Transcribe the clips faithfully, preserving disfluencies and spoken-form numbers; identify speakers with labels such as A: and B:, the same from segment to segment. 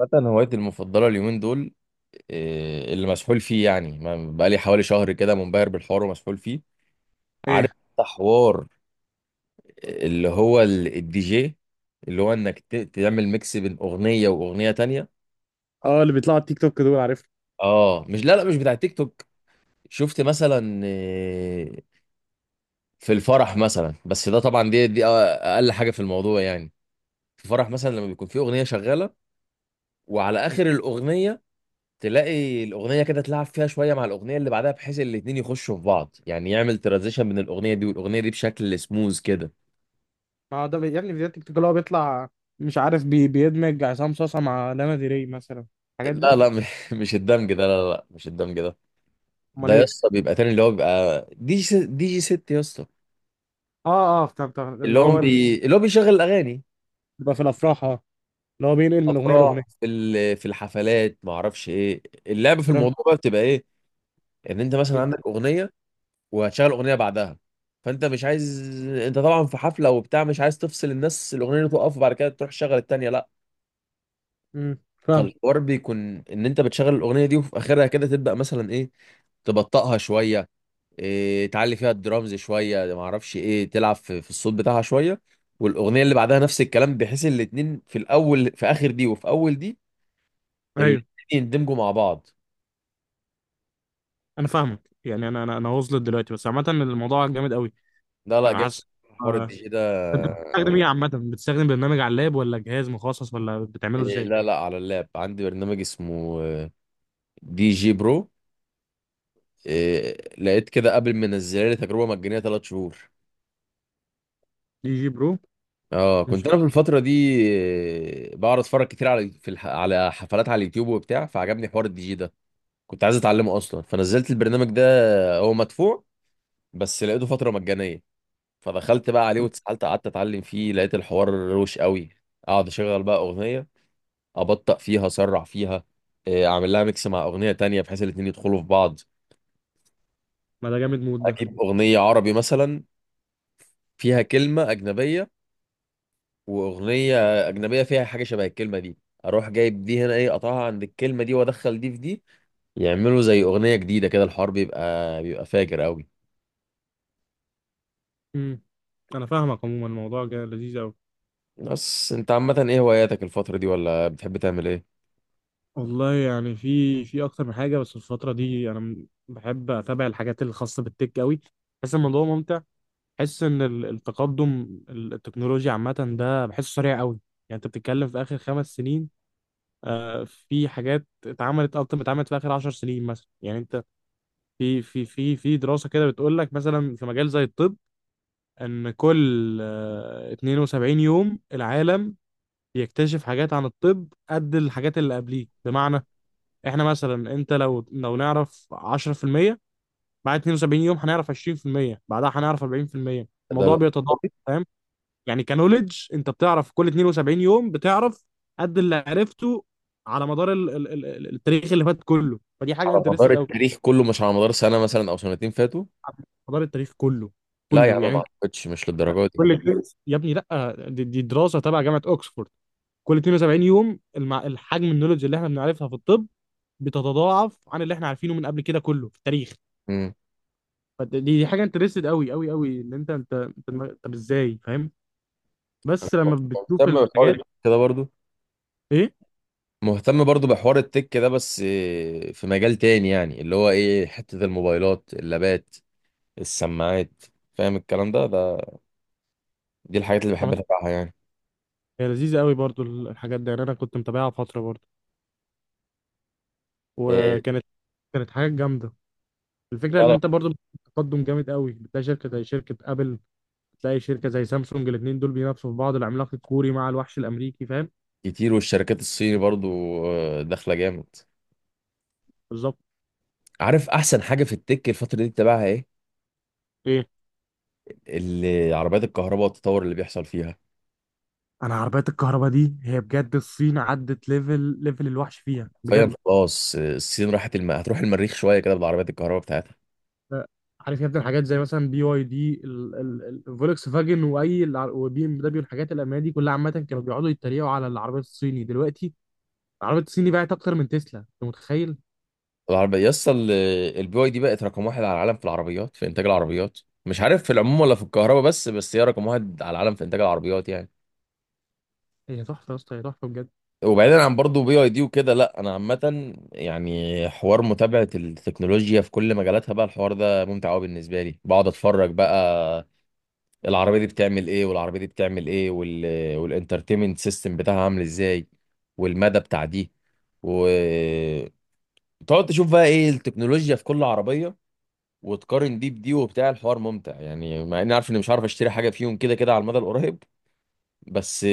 A: مثلا، هوايتي المفضلة اليومين دول إيه، اللي مسحول فيه. يعني ما- بقالي حوالي شهر كده منبهر بالحوار ومسحول فيه. عارف
B: ايه
A: أنت؟ حوار اللي هو ال- الدي جي، اللي هو انك ت- تعمل ميكس بين أغنية وأغنية تانية.
B: اه اللي بيطلعوا على التيك توك دول، عارف.
A: اه مش، لا لا، مش بتاع تيك توك. شفت مثلا إيه، في الفرح مثلا؟ بس ده طبعا دي دي أقل حاجة في الموضوع يعني. في فرح مثلا لما بيكون في أغنية شغالة وعلى آخر الأغنية تلاقي الاغنيه كده تلعب فيها شويه مع الاغنيه اللي بعدها، بحيث الاتنين يخشوا في بعض، يعني يعمل ترانزيشن بين الاغنيه دي والاغنيه دي بشكل سموز كده.
B: اه، ده بي- يا ابني فيديوهات تيك توك اللي هو بيطلع. مش عارف بي... بيدمج عصام صاصا مع لانا ديري مثلا، الحاجات دي.
A: لا لا م- مش الدمج ده، لا لا مش الدمج ده. ده
B: امال
A: يا
B: ايه؟
A: اسطى بيبقى تاني، اللي هو بيبقى دي جي دي جي ست يا اسطى.
B: اه اه، طب طب
A: اللي
B: اللي
A: هو
B: هو ال-
A: بي... اللي هو بيشغل الاغاني.
B: بيبقى في الافراح، اه، اللي هو بينقل من اغنيه
A: افراح،
B: لاغنيه،
A: في ال- في الحفلات ما اعرفش ايه اللعبه في
B: فاهم؟
A: الموضوع بقى، بتبقى ايه؟ ان انت مثلا
B: ايه.
A: عندك اغنيه وهتشغل اغنيه بعدها، فانت مش عايز. انت طبعا في حفله وبتاع، مش عايز تفصل الناس، الاغنيه اللي تقف وبعد كده تروح تشغل التانيه، لا.
B: امم فاهم.
A: فالحوار بيكون ان انت بتشغل الاغنيه دي وفي اخرها كده تبدا مثلا ايه، تبطئها شويه، إيه، تعلي فيها الدرامز شويه، ما اعرفش ايه، تلعب في, في الصوت بتاعها شويه. والاغنيه اللي بعدها نفس الكلام، بحيث الاتنين في الاول، في اخر دي وفي اول دي، الاتنين
B: ايوه،
A: يندمجوا مع بعض.
B: انا فاهمك. يعني انا انا انا واصل دلوقتي، بس عامه الموضوع جامد قوي.
A: لا لا،
B: انا
A: جاي
B: حاسس.
A: حوار
B: آه.
A: الدي جي ده.
B: انت بتستخدم ايه عامه؟ بتستخدم برنامج على اللاب، ولا جهاز مخصص، ولا بتعمله
A: إيه
B: ازاي؟
A: لا لا، على اللاب عندي برنامج اسمه آه، دي جي برو. إيه لقيت كده قبل ما انزلها لي تجربه مجانيه ثلاث شهور.
B: دي جي برو؟
A: اه،
B: مش
A: كنت انا في الفتره دي آه، بقعد اتفرج كتير على، في الح... على حفلات على اليوتيوب وبتاع، فعجبني حوار الدي جي ده. كنت عايز اتعلمه اصلا، فنزلت البرنامج ده. هو مدفوع بس لقيته فتره مجانيه، فدخلت بقى عليه
B: طب
A: واتسالت، قعدت اتعلم فيه، لقيت الحوار روش قوي. اقعد اشغل بقى اغنيه، ابطأ فيها، اسرع فيها، آه، اعمل لها ميكس مع اغنيه تانية بحيث الاتنين يدخلوا في بعض.
B: ما ده جامد مود ده.
A: اجيب اغنيه عربي مثلا فيها كلمه اجنبيه، واغنيه اجنبيه فيها حاجه شبه الكلمه دي، اروح جايب دي هنا، ايه، اقطعها عند الكلمه دي وادخل دي في دي، يعملوا زي اغنيه جديده كده. الحوار بيبقى بيبقى فاجر قوي.
B: امم انا فاهمك. عموما الموضوع جا- لذيذ قوي.
A: بس انت عامه ايه هواياتك الفتره دي؟ ولا بتحب تعمل ايه؟
B: والله يعني في في اكتر من حاجه، بس الفتره دي انا م- بحب اتابع الحاجات الخاصه بالتك قوي. بحس الموضوع ممتع. بحس ان ال- التقدم ال- التكنولوجيا عامه، ده بحسه سريع قوي. يعني انت بتتكلم في اخر خمس سنين، آه، في حاجات اتعملت اكتر ما اتعملت في اخر عشر سنين مثلا. يعني انت في في في في دراسه كده بتقول لك مثلا في مجال زي الطب ان كل آه اثنين وسبعين يوم العالم يكتشف حاجات عن الطب قد الحاجات اللي قبليه. بمعنى احنا مثلا، انت لو لو نعرف عشرة في المية، بعد اثنين وسبعين يوم هنعرف عشرين في المية، بعدها هنعرف أربعين في المية.
A: ده
B: الموضوع بيتضاعف، فاهم؟ يعني كنوليدج انت بتعرف، كل اثنين وسبعين يوم بتعرف قد اللي عرفته على مدار ال ال ال ال- التاريخ اللي فات كله. فدي حاجه
A: على مدار
B: انترستد قوي.
A: التاريخ كله؟ مش على مدار سنه مثلا او سنتين فاتوا؟
B: على مدار التاريخ كله،
A: لا يا
B: كله،
A: عم،
B: يعني
A: ما
B: انت.
A: اعتقدش، مش للدرجه دي.
B: كل اتنين- يا ابني لا، دي, دي دراسه تبع جامعه اوكسفورد. كل اثنين وسبعين يوم المع... الحجم النولج اللي احنا بنعرفها في الطب بتتضاعف عن اللي احنا عارفينه من قبل كده كله في التاريخ.
A: امم.
B: فد- دي دي حاجه انترستد قوي قوي قوي. ان انت انت انت دماغ- طب ازاي فاهم بس لما بتشوف
A: مهتم بحوار
B: الحاجات؟
A: التك كده برضو.
B: ايه.
A: مهتم برضو بحوار التك ده بس إيه، في مجال تاني، يعني اللي هو ايه، حته الموبايلات، اللابات، السماعات. فاهم الكلام ده ده؟ دي الحاجات اللي بحب
B: عملت-
A: اتابعها يعني.
B: هي لذيذه قوي برضو ال- الحاجات دي يعني. انا كنت متابعها فتره برضو،
A: إيه،
B: وكانت كانت حاجه جامده. الفكره ان
A: تعرف.
B: انت برضو تقدم جامد قوي. بتلاقي شركه زي شركه ابل، بتلاقي شركه زي سامسونج. الاثنين دول بينافسوا في بعض، العملاق الكوري مع الوحش الامريكي، فاهم؟
A: كتير، والشركات الصيني برضو آه، داخله جامد.
B: بالظبط.
A: عارف احسن حاجه في التك الفتره دي تتابعها ايه؟
B: ايه،
A: اللي عربيات الكهرباء والتطور اللي بيحصل فيها.
B: انا عربيات الكهرباء دي هي بجد، الصين عدت ليفل ليفل الوحش فيها بجد.
A: فاهم؟ خلاص آه، الصين راحت الم... هتروح المريخ شويه كده بالعربيات الكهرباء بتاعتها.
B: عارف يا ابني، الحاجات زي مثلا بي واي دي، الفولكس فاجن، واي الع- وبي ام دبليو، الحاجات الالمانيه دي كلها عامه، كانوا بيقعدوا يتريقوا على العربيات الصيني. دلوقتي العربيات الصيني باعت اكتر من تسلا، انت متخيل؟
A: العربيه يسطا البي واي دي بقت رقم واحد على العالم في العربيات، في انتاج العربيات. مش عارف في العموم ولا في الكهرباء، بس بس هي رقم واحد على العالم في انتاج العربيات يعني.
B: هي تحفه يا اسطى، هي تحفه بجد.
A: وبعيدا عن برضه بي اي دي وكده، لا انا عامه يعني حوار متابعه التكنولوجيا في كل مجالاتها بقى الحوار ده ممتع قوي بالنسبه لي. بقعد اتفرج بقى العربيه دي بتعمل ايه والعربيه دي بتعمل ايه، وال... والانترتينمنت سيستم بتاعها عامل ازاي، والمدى بتاع دي، وتقعد تشوف بقى ايه التكنولوجيا في كل عربيه، وتقارن دي بدي وبتاع. الحوار ممتع يعني، مع اني عارف اني مش عارف اشتري حاجه فيهم كده كده على المدى القريب، بس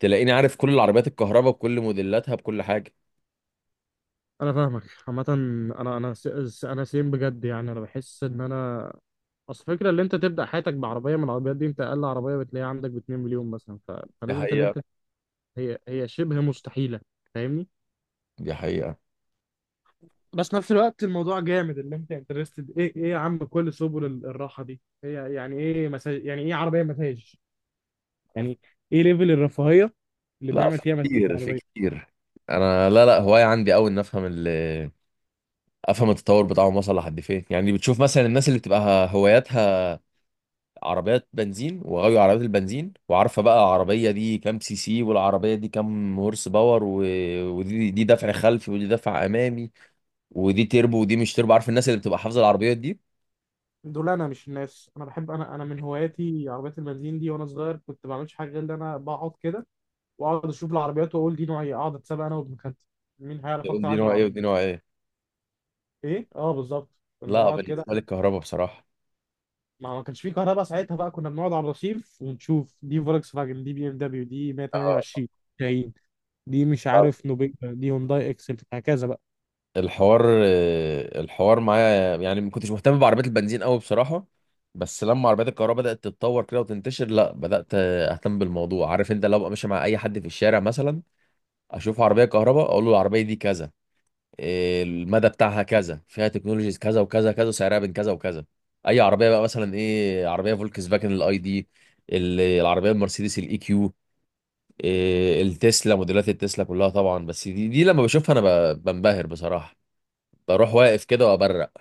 A: تلاقيني عارف كل العربيات الكهرباء بكل موديلاتها بكل حاجه.
B: انا فاهمك. عامه انا انا س- س- انا سيم بجد. يعني انا بحس ان انا اصل فكرة اللي انت تبدا حياتك بعربيه من العربيات دي، انت اقل عربيه بتلاقيها عندك ب مليونين مليون مثلا. ف...
A: دي
B: فنسبه اللي
A: حقيقة.
B: انت هي هي شبه مستحيله، فاهمني؟
A: دي حقيقة.
B: بس نفس الوقت الموضوع جامد اللي انت انترستد. ايه ايه يا عم، كل سبل ال- الراحه دي، هي يعني ايه مساج؟ يعني ايه عربيه مساج؟ يعني ايه ليفل الرفاهيه اللي
A: لا،
B: بنعمل
A: في
B: فيها مساج
A: كتير، في
B: عربيه؟
A: كتير. انا لا لا هواية عندي قوي ان افهم ال، افهم التطور بتاعهم وصل لحد فين. يعني بتشوف مثلا الناس اللي بتبقى هواياتها عربيات بنزين وغاوية عربيات البنزين، وعارفة بقى العربية دي كام سي سي، والعربية دي كام هورس باور، و... ودي دي دفع خلفي، ودي دفع امامي، ودي تربو ودي مش تربو. عارف الناس اللي بتبقى حافظة العربيات دي؟
B: دول انا مش الناس. انا بحب، انا انا من هواياتي عربيات المنزين دي. وانا صغير كنت ما بعملش حاجه غير ان انا بقعد كده واقعد اشوف العربيات واقول دي نوعيه، اقعد اتسابق انا وابن خالتي مين هيعرف
A: تقول
B: اكتر
A: دي
B: عن
A: نوع ايه ودي
B: العربيه.
A: نوع ايه.
B: ايه، اه، بالظبط. كنا
A: لا
B: نقعد كده.
A: بالنسبة لي الكهرباء بصراحة.
B: ما ما كانش في كهرباء ساعتها بقى، كنا بنقعد على الرصيف ونشوف دي فولكس فاجن، دي بي ام دبليو، دي
A: آه.
B: مية وتمانية وعشرين، دي مش عارف نوبيا، دي هونداي اكسنت، هكذا بقى.
A: الحوار آه، الحوار معايا يعني ما كنتش مهتم بعربيات البنزين قوي بصراحة. بس لما عربيات الكهرباء بدأت تتطور كده وتنتشر، لا بدأت آه، اهتم بالموضوع. عارف انت، لو أبقى ماشي مع اي حد في الشارع مثلا، اشوف عربية كهرباء، اقول له العربية دي كذا، آه، المدى بتاعها كذا، فيها تكنولوجيز كذا وكذا كذا، سعرها بين كذا وكذا. اي عربية بقى، مثلا ايه، عربية فولكس فاجن الاي دي، ال- العربية المرسيدس الاي كيو، التسلا، موديلات التسلا كلها طبعا. بس دي دي لما بشوفها انا ب- بنبهر بصراحة. بروح واقف كده وابرق،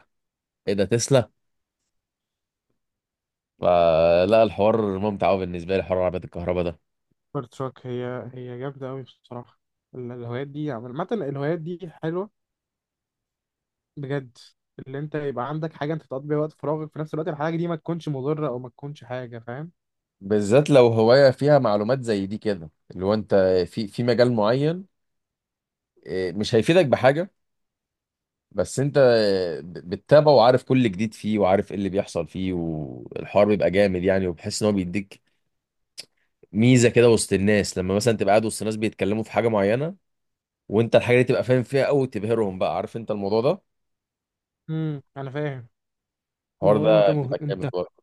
A: ايه ده تسلا؟ فلا، الحوار ممتع قوي بالنسبه لي حوار عربيات الكهرباء ده.
B: سوبر تراك هي هي جامدة أوي بصراحة. ال- الهوايات دي عامة، الهوايات دي حلوة بجد. اللي أنت يبقى عندك حاجة أنت تقضي بيها وقت فراغك، في نفس الوقت الحاجة دي ما تكونش مضرة أو ما تكونش حاجة، فاهم؟
A: بالذات لو هواية فيها معلومات زي دي كده، اللي هو انت في في مجال معين إيه، مش هيفيدك بحاجة، بس انت ب- بتتابعه وعارف كل جديد فيه، وعارف ايه اللي بيحصل فيه، والحوار بيبقى جامد يعني. وبحس ان هو بيديك ميزة كده وسط الناس، لما مثلا تبقى قاعد وسط الناس بيتكلموا في حاجة معينة، وانت الحاجة دي تبقى فاهم فيها قوي، تبهرهم بقى، عارف انت الموضوع ده؟
B: امم أنا فاهم. اللي
A: الحوار
B: هو أنت
A: ده
B: مه...
A: بيبقى جامد
B: أنت
A: برضه.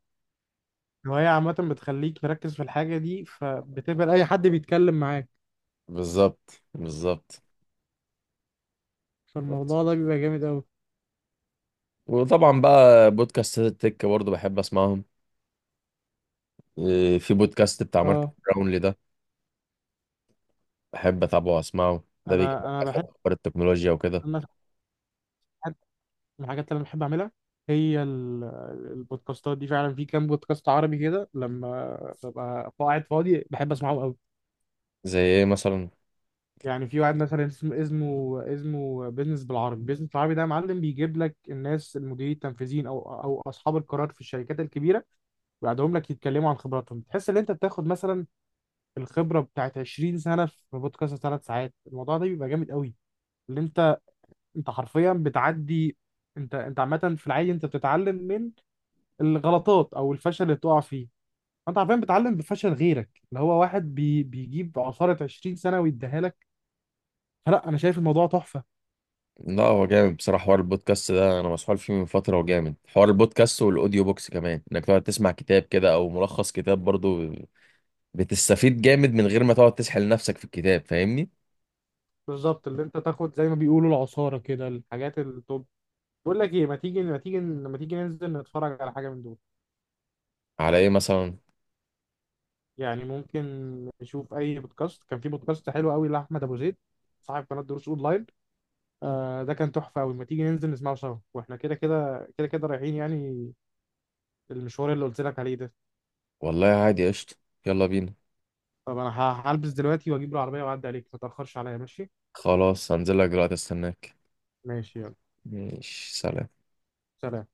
B: الهواية عامة بتخليك مركز في الحاجة دي، فبتقبل أي حد بيتكلم معاك.
A: بالظبط بالظبط.
B: فالموضوع ده بيبقى جامد أوي.
A: وطبعا بقى بودكاستات التك برضه بحب اسمعهم. إيه، في بودكاست بتاع مارك
B: اه.
A: براونلي ده بحب اتابعه واسمعه. ده بيجيب
B: أنا
A: لك
B: أنا بحب
A: اخر اخبار التكنولوجيا وكده.
B: أنا من الحاجات اللي انا بحب اعملها هي ال- البودكاستات دي فعلا. في كام بودكاست عربي كده لما ببقى قاعد فاضي بحب اسمعه قوي.
A: زي ايه مثلا؟
B: يعني في واحد مثلا اسم- اسمه اسمه بيزنس بالعربي. بيزنس بالعربي ده يا معلم بيجيب لك الناس، المديرين التنفيذيين او او اصحاب القرار في الشركات الكبيره، ويقعدهم لك يتكلموا عن خبراتهم. تحس ان انت بتاخد مثلا الخبره بتاعت عشرين سنه في بودكاست ثلاث ساعات. الموضوع ده بيبقى جامد قوي. اللي انت انت حرفيا بتعدي. انت انت عامه في العادي انت بتتعلم الغلطات او الفشل اللي بتقع فيه. انت عارفين بتعلم بفشل غيرك، اللي هو واحد بي بيجيب عصارة عشرين سنة ويديها لك. فلا، انا شايف الموضوع تحفة.
A: لا هو جامد بصراحه حوار البودكاست ده، انا مسحول فيه من فتره. وجامد حوار البودكاست والاوديو بوكس كمان، انك تقعد تسمع كتاب كده او ملخص كتاب برضه، بتستفيد جامد من غير ما تقعد تسحل نفسك في الكتاب. فاهمني؟
B: بالظبط، اللي انت تاخد زي ما بيقولوا العصارة كده، الحاجات التوب. بقول لك ايه، ما تيجي ما تيجي لما تيجي ننزل نتفرج على حاجة من دول.
A: على ايه مثلا؟
B: يعني ممكن نشوف اي بودكاست. كان في بودكاست حلو قوي لاحمد ابو زيد، صاحب قناة دروس اونلاين. آه، ده كان تحفة قوي. ما تيجي ننزل نسمعه سوا، واحنا كده كده كده كده رايحين يعني، المشوار اللي قلت لك عليه ده.
A: والله عادي، قشطه. يلا بينا.
B: طب انا ه- هلبس دلوقتي واجيب العربية واعدي عليك، ما تأخرش عليا، ماشي؟
A: خلاص هنزل لك دلوقتي، استناك.
B: ماشي، يلا،
A: ماشي، سلام.
B: سلام.